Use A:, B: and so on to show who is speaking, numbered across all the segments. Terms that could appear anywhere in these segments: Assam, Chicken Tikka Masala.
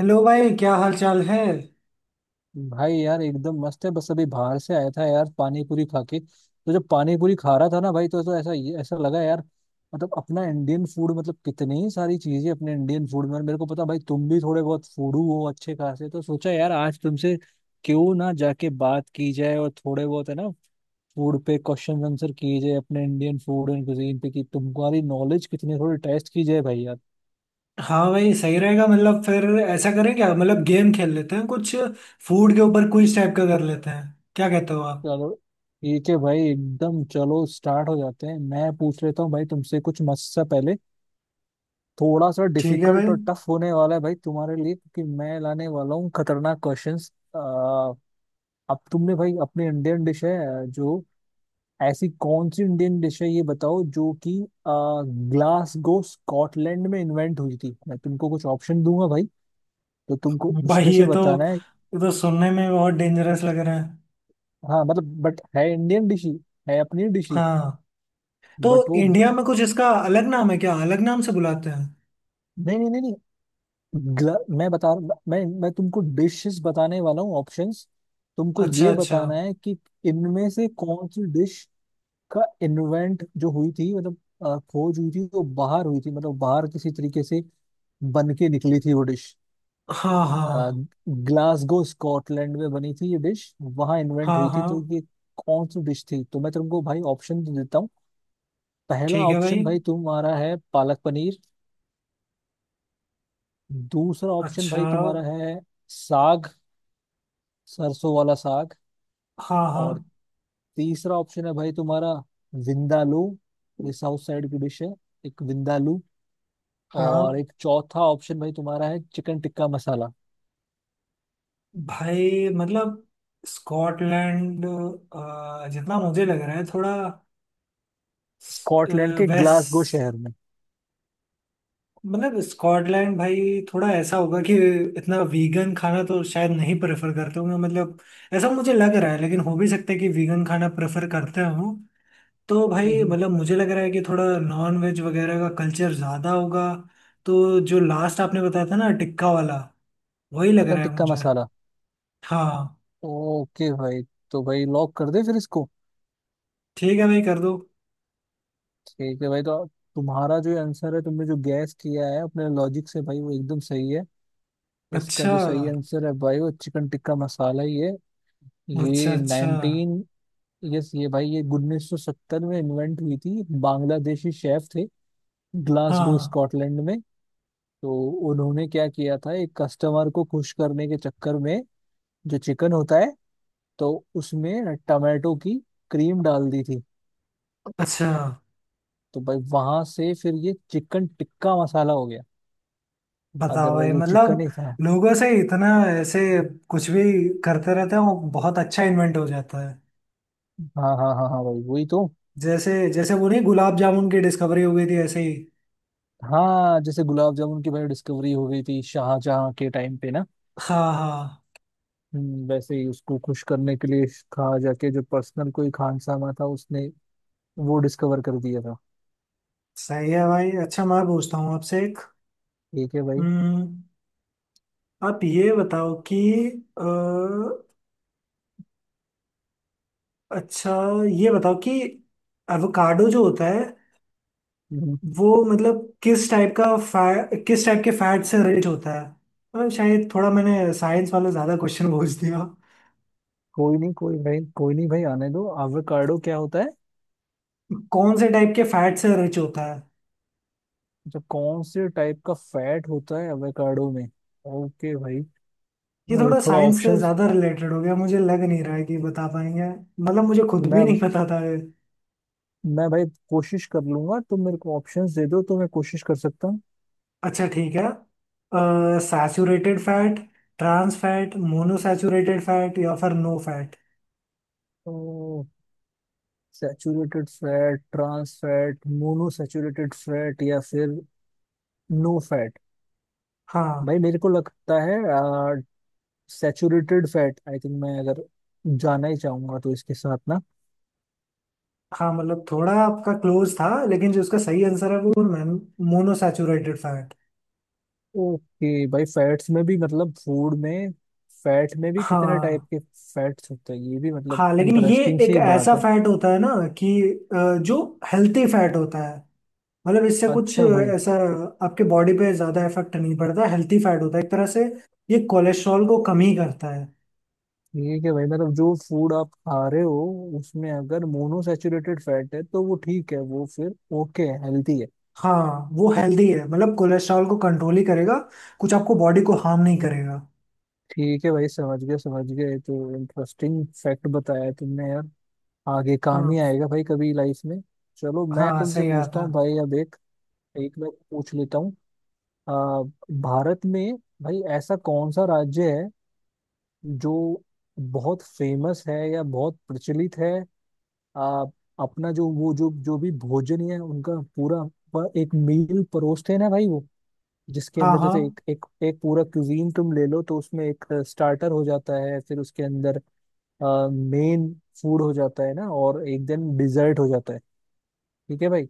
A: Hello भाई, क्या हाल चाल है।
B: भाई यार एकदम मस्त है। बस अभी बाहर से आया था यार पानी पूरी खा के। तो जब पानी पूरी खा रहा था ना भाई तो ऐसा ऐसा लगा यार। मतलब अपना इंडियन फूड, मतलब कितनी ही सारी चीजें अपने इंडियन फूड में। और मेरे को पता भाई तुम भी थोड़े बहुत फूडू हो अच्छे खासे, तो सोचा यार आज तुमसे क्यों ना जाके बात की जाए। और थोड़े बहुत है ना फूड पे क्वेश्चन आंसर किए जाए अपने इंडियन फूड एंड कुजीन पे, कि तुम्हारी नॉलेज कितनी थोड़ी टेस्ट की जाए भाई यार।
A: हाँ भाई, सही रहेगा। मतलब फिर ऐसा करें क्या, मतलब गेम खेल लेते हैं कुछ, फूड के ऊपर क्विज टाइप का कर लेते हैं। क्या कहते हो आप।
B: चलो ठीक है भाई एकदम, चलो स्टार्ट हो जाते हैं। मैं पूछ लेता हूँ भाई तुमसे कुछ मस्त सा। पहले थोड़ा सा
A: ठीक है भाई।
B: डिफिकल्ट और टफ होने वाला है भाई तुम्हारे लिए, क्योंकि मैं लाने वाला हूँ खतरनाक क्वेश्चंस। अब तुमने भाई अपनी इंडियन डिश है जो, ऐसी कौन सी इंडियन डिश है ये बताओ जो कि ग्लासगो स्कॉटलैंड में इन्वेंट हुई थी। मैं तुमको कुछ ऑप्शन दूंगा भाई, तो तुमको
A: भाई
B: उसमें से
A: ये तो
B: बताना है।
A: ये तो सुनने में बहुत डेंजरस लग रहा है।
B: हाँ मतलब बट है इंडियन डिश ही, है अपनी डिश ही।
A: हाँ, तो
B: बट वो,
A: इंडिया में कुछ इसका अलग नाम है क्या, अलग नाम से बुलाते हैं।
B: नहीं नहीं नहीं नहीं, ग्ल- मैं बता मैं तुमको डिशेस बताने वाला हूँ ऑप्शंस। तुमको
A: अच्छा
B: ये
A: अच्छा।
B: बताना है कि इनमें से कौन सी डिश का इन्वेंट जो हुई थी, मतलब खोज हुई थी वो बाहर हुई थी, मतलब बाहर किसी तरीके से बन के निकली थी वो डिश।
A: हाँ हाँ
B: ग्लासगो स्कॉटलैंड में बनी थी ये डिश, वहां इन्वेंट
A: हाँ
B: हुई थी,
A: हाँ।
B: तो ये कौन सी डिश थी। तो मैं तुमको भाई ऑप्शन देता हूँ। पहला
A: ठीक है
B: ऑप्शन
A: भाई।
B: भाई तुम्हारा है पालक पनीर। दूसरा ऑप्शन
A: अच्छा।
B: भाई तुम्हारा है साग, सरसों वाला साग।
A: हाँ
B: और
A: हाँ
B: तीसरा ऑप्शन है भाई तुम्हारा विंदालू, ये साउथ साइड की डिश है, एक विंदालू। और
A: हाँ।
B: एक चौथा ऑप्शन भाई तुम्हारा है चिकन टिक्का मसाला।
A: भाई मतलब स्कॉटलैंड जितना मुझे लग रहा है, थोड़ा
B: स्कॉटलैंड के ग्लासगो
A: वेस्ट।
B: शहर में।
A: मतलब स्कॉटलैंड भाई थोड़ा ऐसा होगा कि इतना वीगन खाना तो शायद नहीं प्रेफर करते होंगे। मतलब ऐसा मुझे लग रहा है, लेकिन हो भी सकता है कि वीगन खाना प्रेफर करते हों। तो
B: हम्म।
A: भाई
B: हम्म।
A: मतलब मुझे लग रहा है कि थोड़ा नॉन वेज वगैरह का कल्चर ज़्यादा होगा। तो जो लास्ट आपने बताया था ना, टिक्का वाला, वही लग
B: चिकन
A: रहा है
B: टिक्का
A: मुझे।
B: मसाला।
A: हाँ।
B: ओके भाई, तो भाई लॉक कर दे फिर इसको।
A: ठीक है भाई, कर दो।
B: ठीक है भाई, तो तुम्हारा जो आंसर है, तुमने जो गैस किया है अपने लॉजिक से भाई, वो एकदम सही है। इसका
A: अच्छा
B: जो सही आंसर है भाई वो चिकन टिक्का मसाला ही है।
A: अच्छा।
B: ये
A: अच्छा।
B: 1980, यस, ये भाई ये 1970 में इन्वेंट हुई थी, बांग्लादेशी शेफ थे ग्लासगो
A: हाँ।
B: स्कॉटलैंड में। तो उन्होंने क्या किया था एक कस्टमर को खुश करने के चक्कर में, जो चिकन होता है, तो उसमें टमाटो की क्रीम डाल दी थी।
A: अच्छा।
B: तो भाई वहां से फिर ये चिकन टिक्का मसाला हो गया,
A: बताओ भाई,
B: अदरवाइज वो चिकन
A: मतलब
B: ही था।
A: लोगों से इतना ऐसे कुछ भी करते रहते हैं, वो बहुत अच्छा इन्वेंट हो जाता है।
B: हाँ हाँ हाँ हाँ भाई वही तो।
A: जैसे जैसे वो नहीं, गुलाब जामुन की डिस्कवरी हो गई थी ऐसे ही।
B: हाँ जैसे गुलाब जामुन की भाई डिस्कवरी हो गई थी शाहजहाँ के टाइम पे ना।
A: हाँ हाँ।
B: वैसे ही उसको खुश करने के लिए कहा, जाके जो पर्सनल कोई खानसामा था उसने वो डिस्कवर कर दिया था।
A: सही है भाई। अच्छा, मैं पूछता हूँ आपसे एक।
B: ठीक है भाई।
A: हम्म, आप ये बताओ कि अ, अच्छा, ये बताओ कि एवोकाडो जो होता है,
B: हम्म।
A: वो मतलब किस टाइप का किस टाइप के फैट से रिच होता है। शायद थोड़ा मैंने साइंस वाला ज्यादा क्वेश्चन पूछ दिया।
B: कोई नहीं कोई भाई कोई नहीं भाई, आने दो एवोकाडो क्या होता है,
A: कौन से टाइप के फैट से रिच होता है।
B: जो कौन से टाइप का फैट होता है एवोकाडो में। ओके भाई।
A: ये
B: अरे,
A: थोड़ा
B: थोड़ा
A: साइंस से
B: ऑप्शंस
A: ज्यादा रिलेटेड हो गया, मुझे लग नहीं रहा है कि बता पाएंगे। मतलब मुझे खुद भी नहीं
B: मैं
A: पता था ये।
B: मैं भाई कोशिश कर लूंगा, तुम मेरे को ऑप्शंस दे दो तो मैं कोशिश कर सकता हूँ।
A: अच्छा, ठीक है। Saturated fat, trans fat, monosaturated fat या फिर नो फैट।
B: तो saturated fat, trans fat, mono saturated fat या फिर नो।
A: हाँ।
B: भाई मेरे को लगता है सैचुरेटेड फैट, आई थिंक, मैं अगर जाना ही चाहूंगा तो इसके साथ ना।
A: हाँ मतलब थोड़ा आपका क्लोज था, लेकिन जो उसका सही आंसर है वो मोनोसैचुरेटेड फैट।
B: ओके भाई, फैट्स में भी मतलब फूड में, फैट में भी कितने टाइप
A: हाँ।
B: के फैट्स होते हैं ये भी मतलब
A: हाँ लेकिन ये
B: इंटरेस्टिंग
A: एक
B: सी
A: ऐसा
B: बात है।
A: फैट होता है ना कि जो हेल्थी फैट होता है। मतलब इससे कुछ
B: अच्छा भाई।
A: ऐसा आपके बॉडी पे ज्यादा इफेक्ट नहीं पड़ता, हेल्थी फैट होता है एक तरह से। ये कोलेस्ट्रॉल को कम ही करता है।
B: ठीक है भाई, मतलब जो फूड आप खा रहे हो उसमें अगर मोनोसैचुरेटेड फैट है तो वो ठीक है, वो फिर ओके है, हेल्थी है।
A: हाँ वो हेल्दी है, मतलब कोलेस्ट्रॉल को कंट्रोल ही करेगा, कुछ आपको बॉडी को हार्म नहीं करेगा।
B: ठीक है भाई समझ गए समझ गए, तो इंटरेस्टिंग फैक्ट बताया तुमने यार, आगे काम ही
A: हाँ
B: आएगा भाई कभी लाइफ में। चलो मैं
A: हाँ।
B: तुमसे
A: सही
B: पूछता
A: आता
B: हूँ
A: है।
B: भाई अब एक एक मैं पूछ लेता हूँ। आ, भारत में भाई ऐसा कौन सा राज्य है जो बहुत फेमस है या बहुत प्रचलित है, आ, अपना जो वो जो जो भी भोजन है उनका पूरा एक मील परोसते हैं ना भाई, वो जिसके
A: हाँ
B: अंदर जैसे
A: हाँ
B: एक एक एक पूरा क्यूजीन तुम ले लो तो उसमें एक स्टार्टर हो जाता है, फिर उसके अंदर मेन फूड हो जाता है ना, और एक दिन डिजर्ट हो जाता है। ठीक है भाई,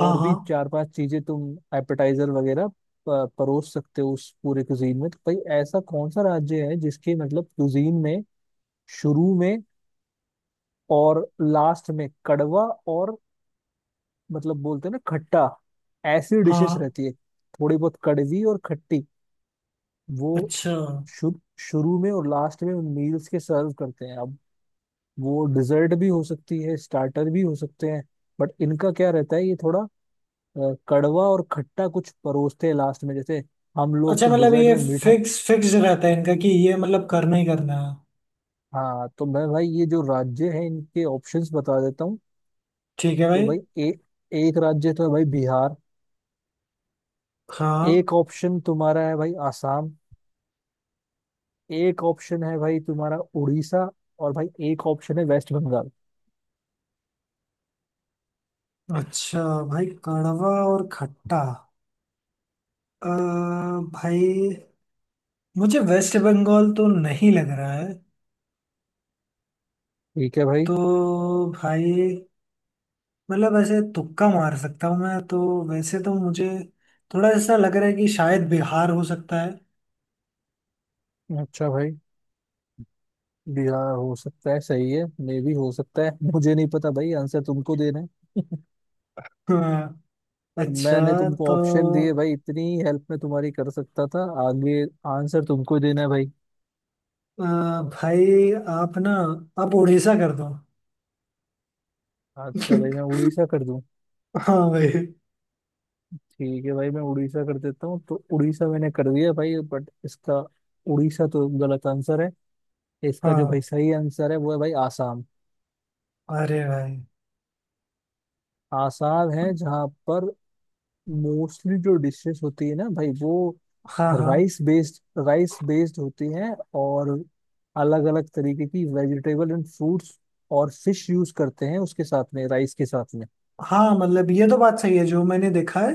A: हाँ हाँ।
B: भी चार पांच चीजें तुम एपेटाइजर वगैरह परोस सकते हो उस पूरे कुजीन में। तो भाई ऐसा कौन सा राज्य है जिसके मतलब कुजीन में शुरू में और लास्ट में कड़वा, और मतलब बोलते हैं ना खट्टा, ऐसी डिशेस
A: हाँ।
B: रहती है, थोड़ी बहुत कड़वी और खट्टी। वो
A: अच्छा
B: शुरू शुरू में और लास्ट में उन मील्स के सर्व करते हैं। अब वो डिजर्ट भी हो सकती है, स्टार्टर भी हो सकते हैं, बट इनका क्या रहता है, ये थोड़ा कड़वा और खट्टा कुछ परोसते हैं लास्ट में, जैसे हम लोग
A: अच्छा,
B: तो
A: मतलब
B: डिजर्ट
A: ये
B: में मीठा।
A: फिक्स फिक्स रहता है इनका कि ये मतलब करना ही करना है।
B: हाँ, तो मैं भाई ये जो राज्य है इनके ऑप्शंस बता देता हूँ।
A: ठीक है
B: तो
A: भाई।
B: भाई एक राज्य तो है भाई बिहार।
A: हाँ।
B: एक ऑप्शन तुम्हारा है भाई आसाम। एक ऑप्शन है भाई तुम्हारा उड़ीसा। और भाई एक ऑप्शन है वेस्ट बंगाल।
A: अच्छा। भाई कड़वा और खट्टा, अ, भाई मुझे वेस्ट बंगाल तो नहीं लग रहा है।
B: ठीक है भाई।
A: तो भाई मतलब ऐसे तुक्का मार सकता हूँ मैं तो। वैसे तो मुझे थोड़ा ऐसा लग रहा है कि शायद बिहार हो सकता है।
B: अच्छा भाई, बिहार हो सकता है सही है, मे भी हो सकता है मुझे नहीं पता भाई, आंसर तुमको देना है।
A: हाँ।
B: मैंने
A: अच्छा।
B: तुमको
A: तो
B: ऑप्शन दिए भाई, इतनी हेल्प में तुम्हारी कर सकता था। आगे आंसर तुमको देना है भाई।
A: अ, भाई, आप ना, आप उड़ीसा कर दो।
B: अच्छा भाई मैं उड़ीसा कर दूं।
A: हाँ भाई।
B: ठीक है भाई, मैं उड़ीसा कर देता हूँ, तो उड़ीसा मैंने कर दिया भाई, बट इसका, उड़ीसा तो गलत आंसर है। इसका जो भाई
A: हाँ।
B: सही आंसर है वो है भाई आसाम।
A: अरे भाई।
B: आसाम है जहाँ पर मोस्टली जो डिशेस होती है ना भाई वो
A: हाँ हाँ।
B: राइस बेस्ड, राइस बेस्ड होती हैं, और अलग अलग तरीके की वेजिटेबल एंड फ्रूट्स और फिश यूज करते हैं उसके साथ में, राइस के साथ में।
A: हाँ मतलब ये तो बात सही है जो मैंने देखा है।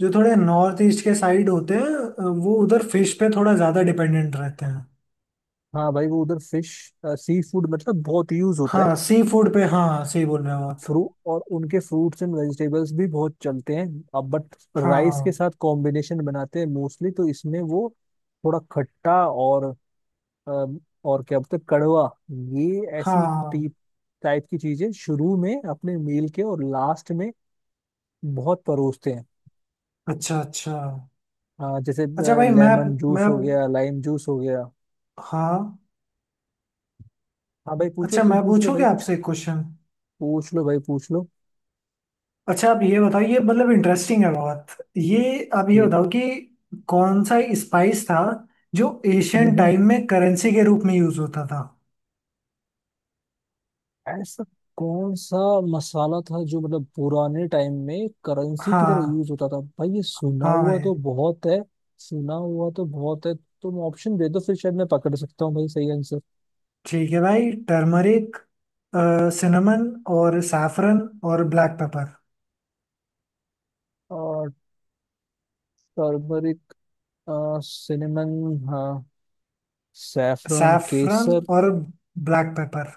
A: जो थोड़े नॉर्थ ईस्ट के साइड होते हैं वो उधर फिश पे थोड़ा ज्यादा डिपेंडेंट रहते हैं।
B: हाँ भाई वो उधर फिश, सी फूड मतलब बहुत यूज होता है।
A: हाँ सी फूड पे, हाँ सही बोल रहे हो आप।
B: फ्रू और उनके फ्रूट्स एंड वेजिटेबल्स भी बहुत चलते हैं। अब बट राइस
A: हाँ
B: के साथ कॉम्बिनेशन बनाते हैं मोस्टली, तो इसमें वो थोड़ा खट्टा और अम, और क्या बोलते हैं, कड़वा, ये ऐसी
A: हाँ।
B: टीप टाइप की चीजें शुरू में अपने मील के और लास्ट में बहुत परोसते हैं।
A: अच्छा अच्छा।
B: जैसे
A: अच्छा भाई, मैं
B: लेमन
A: मैं
B: जूस हो गया, लाइम जूस हो गया।
A: हाँ।
B: हाँ भाई पूछो
A: अच्छा, मैं
B: तुम, पूछ लो भाई
A: पूछूंगा
B: कुछ,
A: आपसे एक क्वेश्चन।
B: पूछ लो भाई पूछ लो।
A: अच्छा आप ये बताओ, ये मतलब इंटरेस्टिंग है बहुत ये। आप ये
B: ठीक।
A: बताओ कि कौन सा स्पाइस था जो
B: हम्म।
A: एशियन
B: हम्म।
A: टाइम में करेंसी के रूप में यूज होता था।
B: ऐसा कौन सा मसाला था जो मतलब पुराने टाइम में करेंसी की तरह
A: हाँ।
B: यूज होता था भाई, ये सुना
A: हाँ
B: हुआ
A: भाई।
B: तो बहुत है, सुना हुआ तो बहुत है। तुम ऑप्शन दे दो फिर शायद मैं पकड़ सकता हूँ भाई सही आंसर।
A: ठीक है भाई, टर्मरिक, सिनेमन, और सैफरन, और ब्लैक पेपर।
B: और टर्मरिक, सिनेमन, हाँ, सैफरन
A: सैफरन
B: केसर,
A: और ब्लैक पेपर।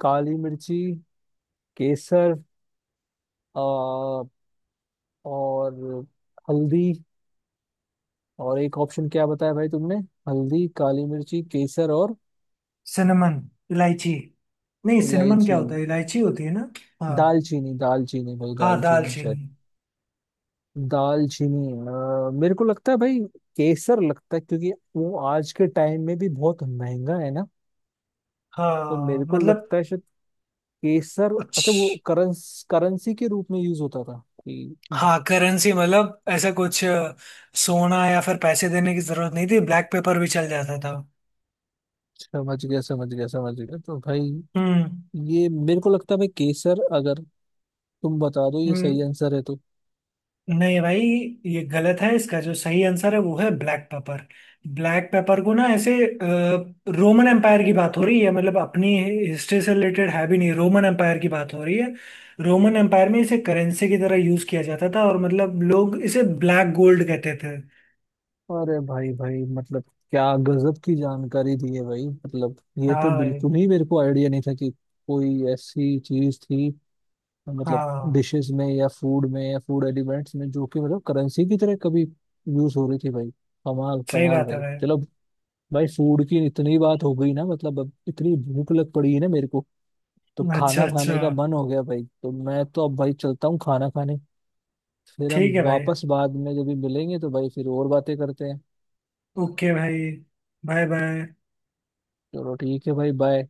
B: काली मिर्ची, केसर, अ, और हल्दी। और एक ऑप्शन क्या बताया भाई तुमने, हल्दी काली मिर्ची केसर और
A: सिनेमन, इलायची। नहीं सिनेमन
B: इलायची,
A: क्या होता है, इलायची होती है ना। हाँ।
B: दालचीनी। दालचीनी भाई
A: हाँ
B: दालचीनी शायद,
A: दालचीनी।
B: दालचीनी मेरे को लगता है भाई केसर लगता है, क्योंकि वो आज के टाइम में भी बहुत महंगा है ना। तो
A: हाँ
B: मेरे को
A: मतलब
B: लगता है शायद केसर। अच्छा, वो
A: कुछ।
B: करंस करेंसी के रूप में यूज होता था कि,
A: हाँ करेंसी मतलब ऐसा कुछ, सोना या फिर पैसे देने की जरूरत नहीं थी, ब्लैक पेपर भी चल जाता था।
B: समझ गया समझ गया समझ गया, तो भाई,
A: हम्म
B: ये मेरे को लगता है भाई केसर, अगर तुम बता दो ये सही
A: हम्म।
B: आंसर है तो।
A: नहीं भाई, ये गलत है। इसका जो सही आंसर है वो है ब्लैक पेपर। ब्लैक पेपर को ना ऐसे, रोमन एम्पायर की बात हो रही है, मतलब अपनी हिस्ट्री से रिलेटेड है भी नहीं, रोमन एम्पायर की बात हो रही है। रोमन एम्पायर में इसे करेंसी की तरह यूज किया जाता था, और मतलब लोग इसे ब्लैक गोल्ड कहते थे।
B: अरे भाई, भाई मतलब क्या गजब की जानकारी दी है भाई, मतलब ये तो
A: हाँ भाई।
B: बिल्कुल ही मेरे को आइडिया नहीं था कि कोई ऐसी चीज थी, मतलब
A: हाँ
B: डिशेस में या फूड एलिमेंट्स में जो कि मतलब करेंसी की तरह कभी यूज हो रही थी भाई। कमाल
A: सही
B: कमाल
A: बात है
B: भाई,
A: भाई।
B: चलो। भाई फूड की इतनी बात हो गई ना, मतलब अब इतनी भूख लग पड़ी है ना मेरे को, तो
A: अच्छा
B: खाना
A: अच्छा।
B: खाने का मन हो गया भाई। तो मैं तो अब भाई चलता हूँ खाना खाने, फिर हम
A: ठीक है भाई।
B: वापस बाद में जब भी मिलेंगे तो भाई फिर और बातें करते हैं।
A: ओके भाई। Bye bye.
B: चलो ठीक है भाई, बाय।